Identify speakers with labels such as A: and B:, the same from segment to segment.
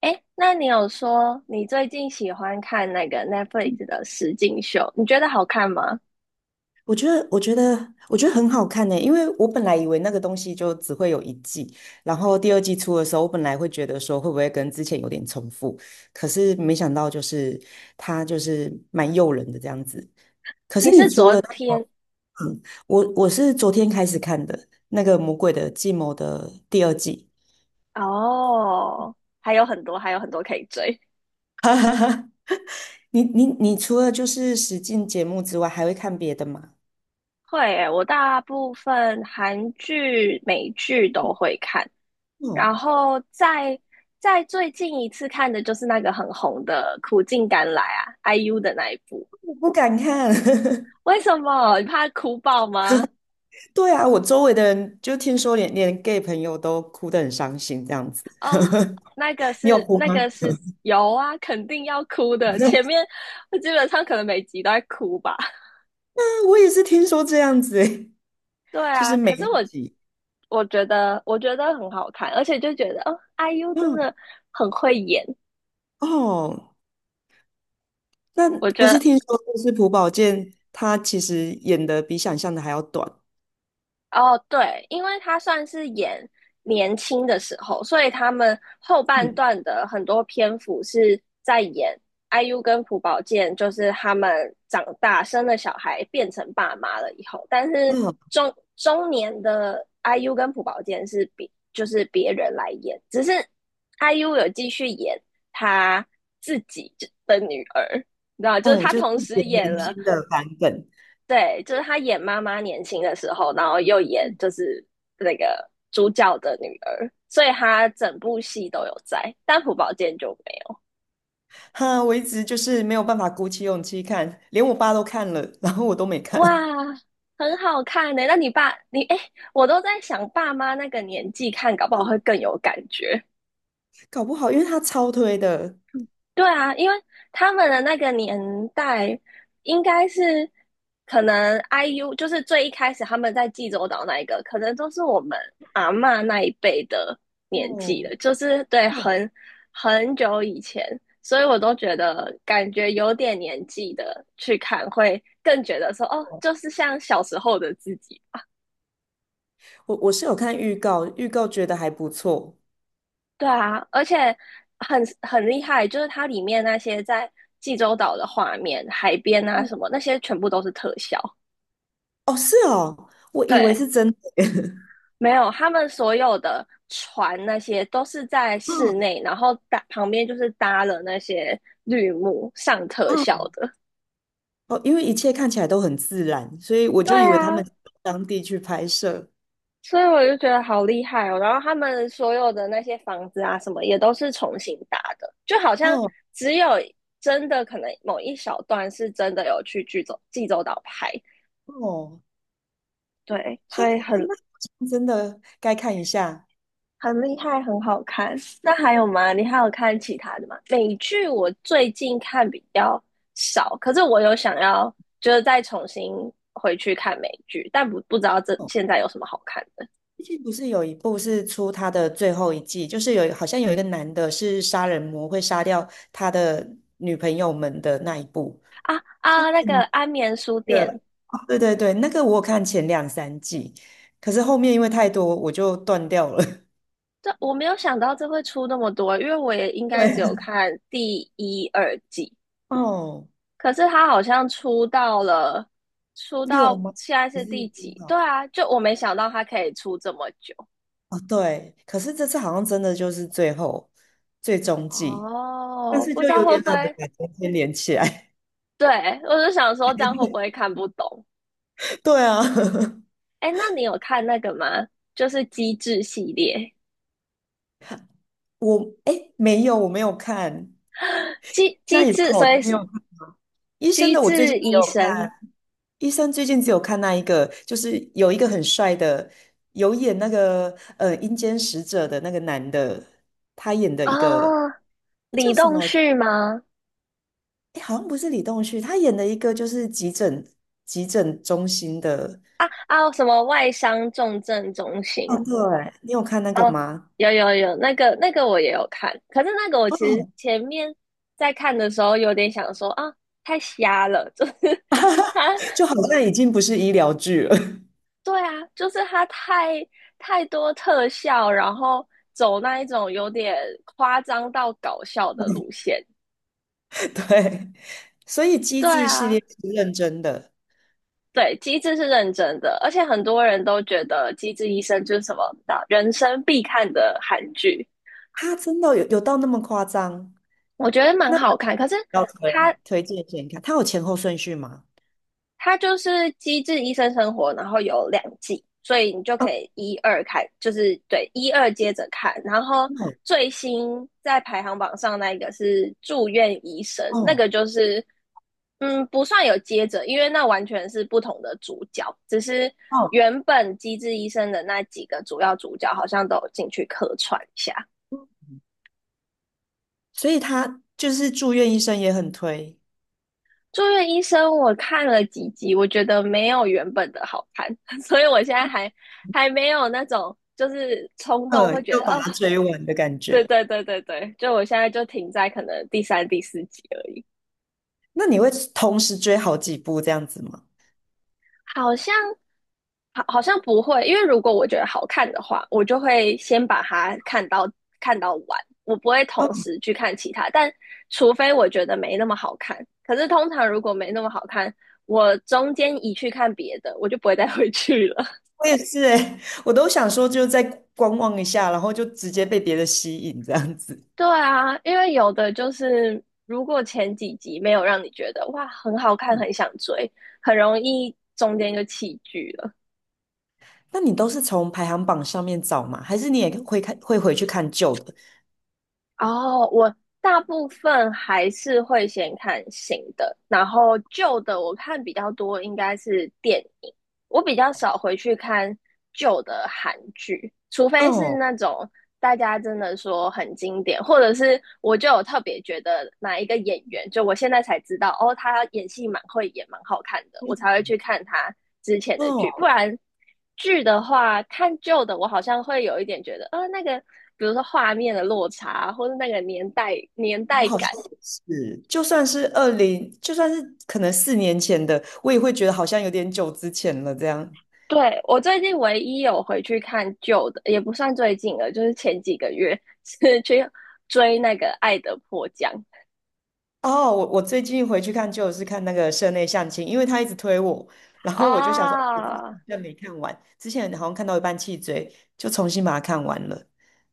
A: 哎，那你有说你最近喜欢看那个 Netflix 的实境秀，你觉得好看吗？
B: 我觉得很好看呢，因为我本来以为那个东西就只会有一季，然后第二季出的时候，我本来会觉得说会不会跟之前有点重复，可是没想到就是它就是蛮诱人的这样子。可是
A: 你
B: 你
A: 是
B: 除
A: 昨
B: 了那
A: 天。
B: 个我是昨天开始看的那个《魔鬼的计谋》的第二季。
A: 哦，还有很多，还有很多可以追。
B: 哈哈哈。你除了就是使境节目之外，还会看别的吗？
A: 会诶，我大部分韩剧、美剧都会看，然
B: 哦，
A: 后在最近一次看的就是那个很红的《苦尽甘来》啊，IU 的那一部。
B: 我不敢看。
A: 为什么？你怕哭爆吗？
B: 对啊，我周围的人就听说连 gay 朋友都哭得很伤心这样子，
A: 哦，那个
B: 你有
A: 是
B: 哭
A: 那
B: 吗？
A: 个是有啊，肯定要哭的。前 面我基本上可能每集都在哭吧。
B: 啊，我也是听说这样子欸。
A: 对
B: 就
A: 啊，
B: 是每
A: 可是
B: 一
A: 我
B: 集，
A: 我觉得我觉得很好看，而且就觉得哦，IU 真
B: 嗯。
A: 的很会演。
B: 哦，那
A: 我觉
B: 不是
A: 得
B: 听说就是朴宝剑他其实演的比想象的还要短，
A: 哦，对，因为他算是演年轻的时候，所以他们后半
B: 嗯
A: 段的很多篇幅是在演 IU 跟朴宝剑，就是他们长大生了小孩变成爸妈了以后，但是
B: 嗯
A: 中年的 IU 跟朴宝剑是别就是别人来演，只是 IU 有继续演他自己的女儿。你知道吗？就是
B: 嗯，
A: 他
B: 就是
A: 同时
B: 演
A: 演
B: 年
A: 了，
B: 轻的版本。
A: 对，就是她演妈妈年轻的时候，然后又演就是那个主角的女儿，所以她整部戏都有在，但朴宝剑就没有。
B: 哈，我一直就是没有办法鼓起勇气看，连我爸都看了，然后我都没
A: 哇，
B: 看。
A: 很好看呢，那你爸，你，哎，我都在想，爸妈那个年纪看，搞不好会更有感觉。
B: 搞不好因为他超推的。
A: 对啊，因为他们的那个年代应该是可能 IU 就是最一开始他们在济州岛那一个，可能都是我们阿嬷那一辈的年纪
B: 哦
A: 了，就是对
B: 哦
A: 很久以前，所以我都觉得感觉有点年纪的去看会更觉得说哦，就
B: 哦，
A: 是像小时候的自己。
B: 我是有看预告，预告觉得还不错。
A: 对啊，而且很厉害，就是它里面那些在济州岛的画面、海边啊
B: 嗯。
A: 什么，那些全部都是特效。
B: 哦，是哦，我以为
A: 对，
B: 是真的。
A: 没有，他们所有的船那些都是在室
B: 啊，
A: 内，然后搭旁边就是搭了那些绿幕上特
B: 啊。
A: 效的。
B: 哦，因为一切看起来都很自然，所以我
A: 对
B: 就以为他们
A: 啊，
B: 是到当地去拍摄。
A: 所以我就觉得好厉害哦。然后他们所有的那些房子啊什么，也都是重新搭的，就好像
B: 哦
A: 只有真的可能某一小段是真的有去济州岛拍，
B: 哦，
A: 对，
B: 哈，
A: 所以很
B: 那好像真的该看一下。
A: 厉害，很好看。那还有吗？你还有看其他的吗？美剧我最近看比较少，可是我有想要就是再重新回去看美剧，但不知道这
B: 哦，
A: 现在有什么好看的。
B: 最近不是有一部是出他的最后一季，就是有好像有一个男的是杀人魔，会杀掉他的女朋友们的那一部。
A: 啊啊！那个《安眠书店》，
B: 对对对，那个我有看前两三季，可是后面因为太多，我就断掉了。
A: 这我没有想到这会出那么多，因为我也应 该
B: 对。
A: 只有看第一、二季，
B: 哦，
A: 可是它好像出
B: 六
A: 到
B: 吗？
A: 现在
B: 还
A: 是
B: 是
A: 第
B: 多
A: 几？
B: 少？
A: 对啊，就我没想到它可以出这么久。
B: 哦，对，可是这次好像真的就是最后最终季，但
A: 哦，
B: 是
A: 不知
B: 就
A: 道
B: 有
A: 会
B: 点
A: 不
B: 懒得
A: 会。
B: 把中间连起来。
A: 对，我就想说这样会不会看不懂？
B: 对啊。
A: 哎，那你有看那个吗？就是机智系列。
B: 我哎没有，我没有看，
A: 机
B: 那
A: 机
B: 也不
A: 智，
B: 好，我
A: 所
B: 都
A: 以
B: 没有
A: 是
B: 看。医生
A: 机
B: 的我最近
A: 智
B: 只
A: 医
B: 有看，
A: 生
B: 医生最近只有看那一个，就是有一个很帅的，有演那个阴间使者的那个男的，他演的
A: 啊。
B: 一个。
A: 哦，
B: 那叫
A: 李
B: 什
A: 栋
B: 么？
A: 旭吗？
B: 诶好像不是李栋旭，他演的一个就是急诊中心的。
A: 啊啊，什么外伤重症中
B: 哦，
A: 心？
B: 对，你有看那个
A: 哦，
B: 吗？
A: 有有有，那个那个我也有看，可是那个我其实
B: 哦。
A: 前面在看的时候有点想说啊，太瞎了，就是 他。
B: 就好像已经不是医疗剧了。
A: 对啊，就是它太多特效，然后走那一种有点夸张到搞笑的路线。
B: 对，所以机
A: 对
B: 智系列
A: 啊，
B: 是认真的，
A: 对，机智是认真的，而且很多人都觉得《机智医生》就是什么的人生必看的韩剧，
B: 他真的有到那么夸张？
A: 我觉得蛮好看。可是
B: 要推
A: 它
B: 推荐给你看，它有前后顺序吗？
A: 它就是《机智医生生活》，然后有两季，所以你就可
B: 哦，
A: 以一二开，就是对一二接着看。然后
B: 哦
A: 最新在排行榜上那一个是《住院医生》，那
B: 哦，
A: 个就是嗯不算有接着，因为那完全是不同的主角，只是
B: 哦，
A: 原本《机智医生》的那几个主要主角好像都有进去客串一下。
B: 所以他就是住院医生也很推，
A: 住院医生我看了几集，我觉得没有原本的好看，所以我现在还没有那种就是冲动
B: 呃，
A: 会觉
B: 要
A: 得
B: 把
A: 啊。
B: 它追完的感
A: 对
B: 觉。
A: 对对对对，就我现在就停在可能第三、第四集而已。
B: 那你会同时追好几部这样子吗？
A: 好像好好像不会，因为如果我觉得好看的话，我就会先把它看到完，我不会同
B: 哦，
A: 时去看其他，但除非我觉得没那么好看，可是通常如果没那么好看，我中间一去看别的，我就不会再回去了。
B: 我也是诶，我都想说就再观望一下，然后就直接被别的吸引这样子。
A: 对啊，因为有的就是如果前几集没有让你觉得哇很好看，很想追，很容易中间就弃剧了。
B: 那你都是从排行榜上面找吗？还是你也会看会回去看旧的？
A: 哦，我大部分还是会先看新的，然后旧的我看比较多，应该是电影。我比较少回去看旧的韩剧，除非是
B: 哦
A: 那种大家真的说很经典，或者是我就有特别觉得哪一个演员，就我现在才知道哦，他演戏蛮会演，蛮好看的，我才会去看他之前的剧。不
B: 哦，
A: 然剧的话，看旧的我好像会有一点觉得，那个比如说画面的落差，或者那个年代
B: 我好像
A: 感，
B: 也是，就算是二零，就算是可能四年前的，我也会觉得好像有点久之前了这样。
A: 对，我最近唯一有回去看旧的，也不算最近了，就是前几个月 是去追那个《爱的迫降》
B: 哦，我我最近回去看就是看那个社内相亲，因为他一直推我，然后我就想说，哦，我之
A: 啊。
B: 前没看完，之前好像看到一半弃追，就重新把它看完了，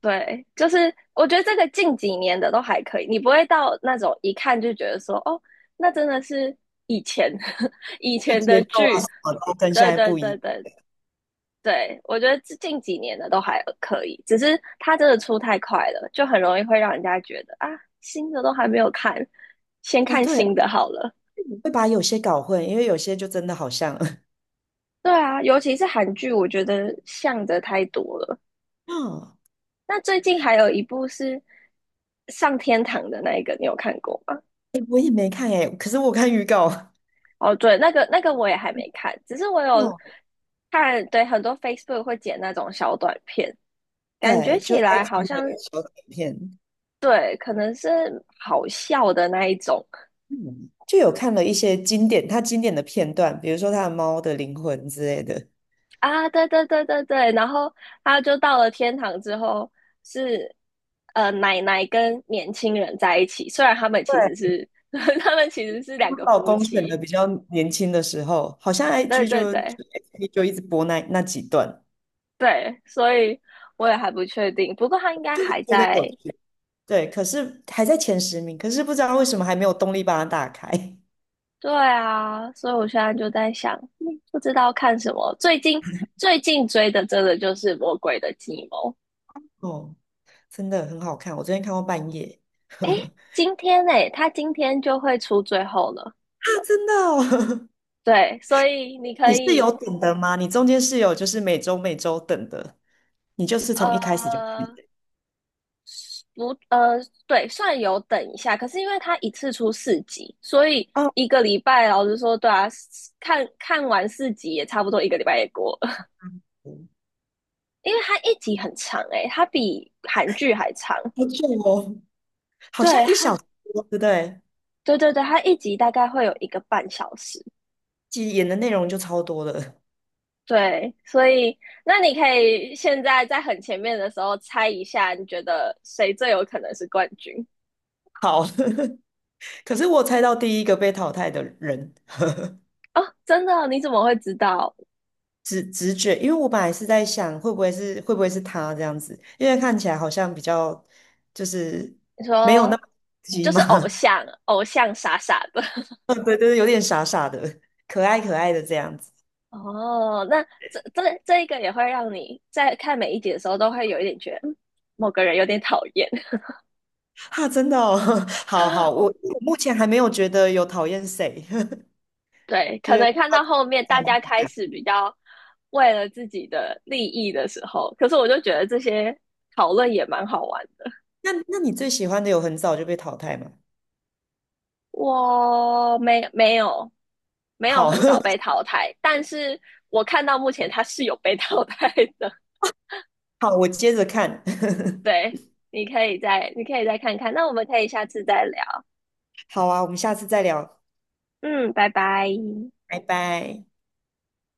A: 对，就是我觉得这个近几年的都还可以，你不会到那种一看就觉得说，哦，那真的是以前 以
B: 就
A: 前
B: 节
A: 的
B: 奏啊
A: 剧。
B: 什么的跟现
A: 对
B: 在
A: 对
B: 不
A: 对
B: 一。
A: 对对，我觉得近几年的都还可以，只是它真的出太快了，就很容易会让人家觉得啊，新的都还没有看，先
B: 哦，
A: 看
B: 对，
A: 新的好了。
B: 我会把有些搞混，因为有些就真的好像。
A: 对啊，尤其是韩剧，我觉得像的太多了。
B: 哦，
A: 那最近还有一部是上天堂的那一个，你有看过吗？
B: 你也没看哎，可是我看预告。
A: 哦，对，那个那个我也还没看，只是我有
B: 哦，
A: 看，对，很多 Facebook 会剪那种小短片，感觉
B: 对，就
A: 起来好
B: IG 的
A: 像
B: 小短片。
A: 对，可能是好笑的那一种。
B: 嗯，就有看了一些经典，他经典的片段，比如说他的《猫的灵魂》之类的。
A: 啊，对对对对对，然后他就到了天堂之后是奶奶跟年轻人在一起，虽然他们其实
B: 对，
A: 是 他们其实是
B: 她
A: 两个
B: 老
A: 夫
B: 公选的
A: 妻，
B: 比较年轻的时候，好像
A: 对
B: IG
A: 对
B: 就
A: 对
B: 就 F B 就一直播那几段，
A: 对，所以我也还不确定，不过他应该
B: 就会
A: 还
B: 觉得有
A: 在。
B: 趣。对，可是还在前十名，可是不知道为什么还没有动力把它打开。
A: 对啊，所以我现在就在想，嗯不知道看什么，最近最近追的真的就是《魔鬼的计谋》。
B: 哦，真的很好看，我昨天看到半夜。
A: 今天呢，他今天就会出最后了。
B: 啊真的哦。
A: 对，所以你 可
B: 你是
A: 以，
B: 有等的吗？你中间是有就是每周每周等的，你就是从一开始就看
A: 呃，
B: 的。
A: 不，对，算有等一下，可是因为他一次出四集，所以
B: 哦，
A: 一个礼拜，老实说，对啊，看看完四集也差不多一个礼拜也过了，因为他一集很长诶，他比韩剧还长。
B: 好久哦，好像
A: 对，
B: 一小
A: 他，
B: 时多对不对？
A: 对对对，他一集大概会有一个半小时。
B: 其实演的内容就超多了。
A: 对，所以那你可以现在在很前面的时候猜一下，你觉得谁最有可能是冠军？
B: 好。可是我猜到第一个被淘汰的人，
A: 哦，真的哦，你怎么会知道？
B: 直觉，因为我本来是在想会不会是他这样子，因为看起来好像比较就是
A: 你
B: 没有
A: 说
B: 那么急
A: 就是偶
B: 嘛。
A: 像，偶像傻傻的。
B: 对对对，有点傻傻的，可爱可爱的这样子。
A: 哦，那这一个也会让你在看每一集的时候都会有一点觉得，嗯某个人有点讨厌。
B: 哈，真的哦。好好，我
A: 哦
B: 我目前还没有觉得有讨厌谁。
A: 对，
B: 就
A: 可
B: 是
A: 能看到后面大家开始比较为了自己的利益的时候，可是我就觉得这些讨论也蛮好玩的。
B: 那你最喜欢的有很早就被淘汰吗？
A: 我没有
B: 好。
A: 很早被 淘汰，但是我看到目前他是有被淘汰的。
B: 好，我接着看。
A: 对，你可以再看看，那我们可以下次再聊。
B: 好啊，我们下次再聊，
A: 嗯，拜拜。
B: 拜拜。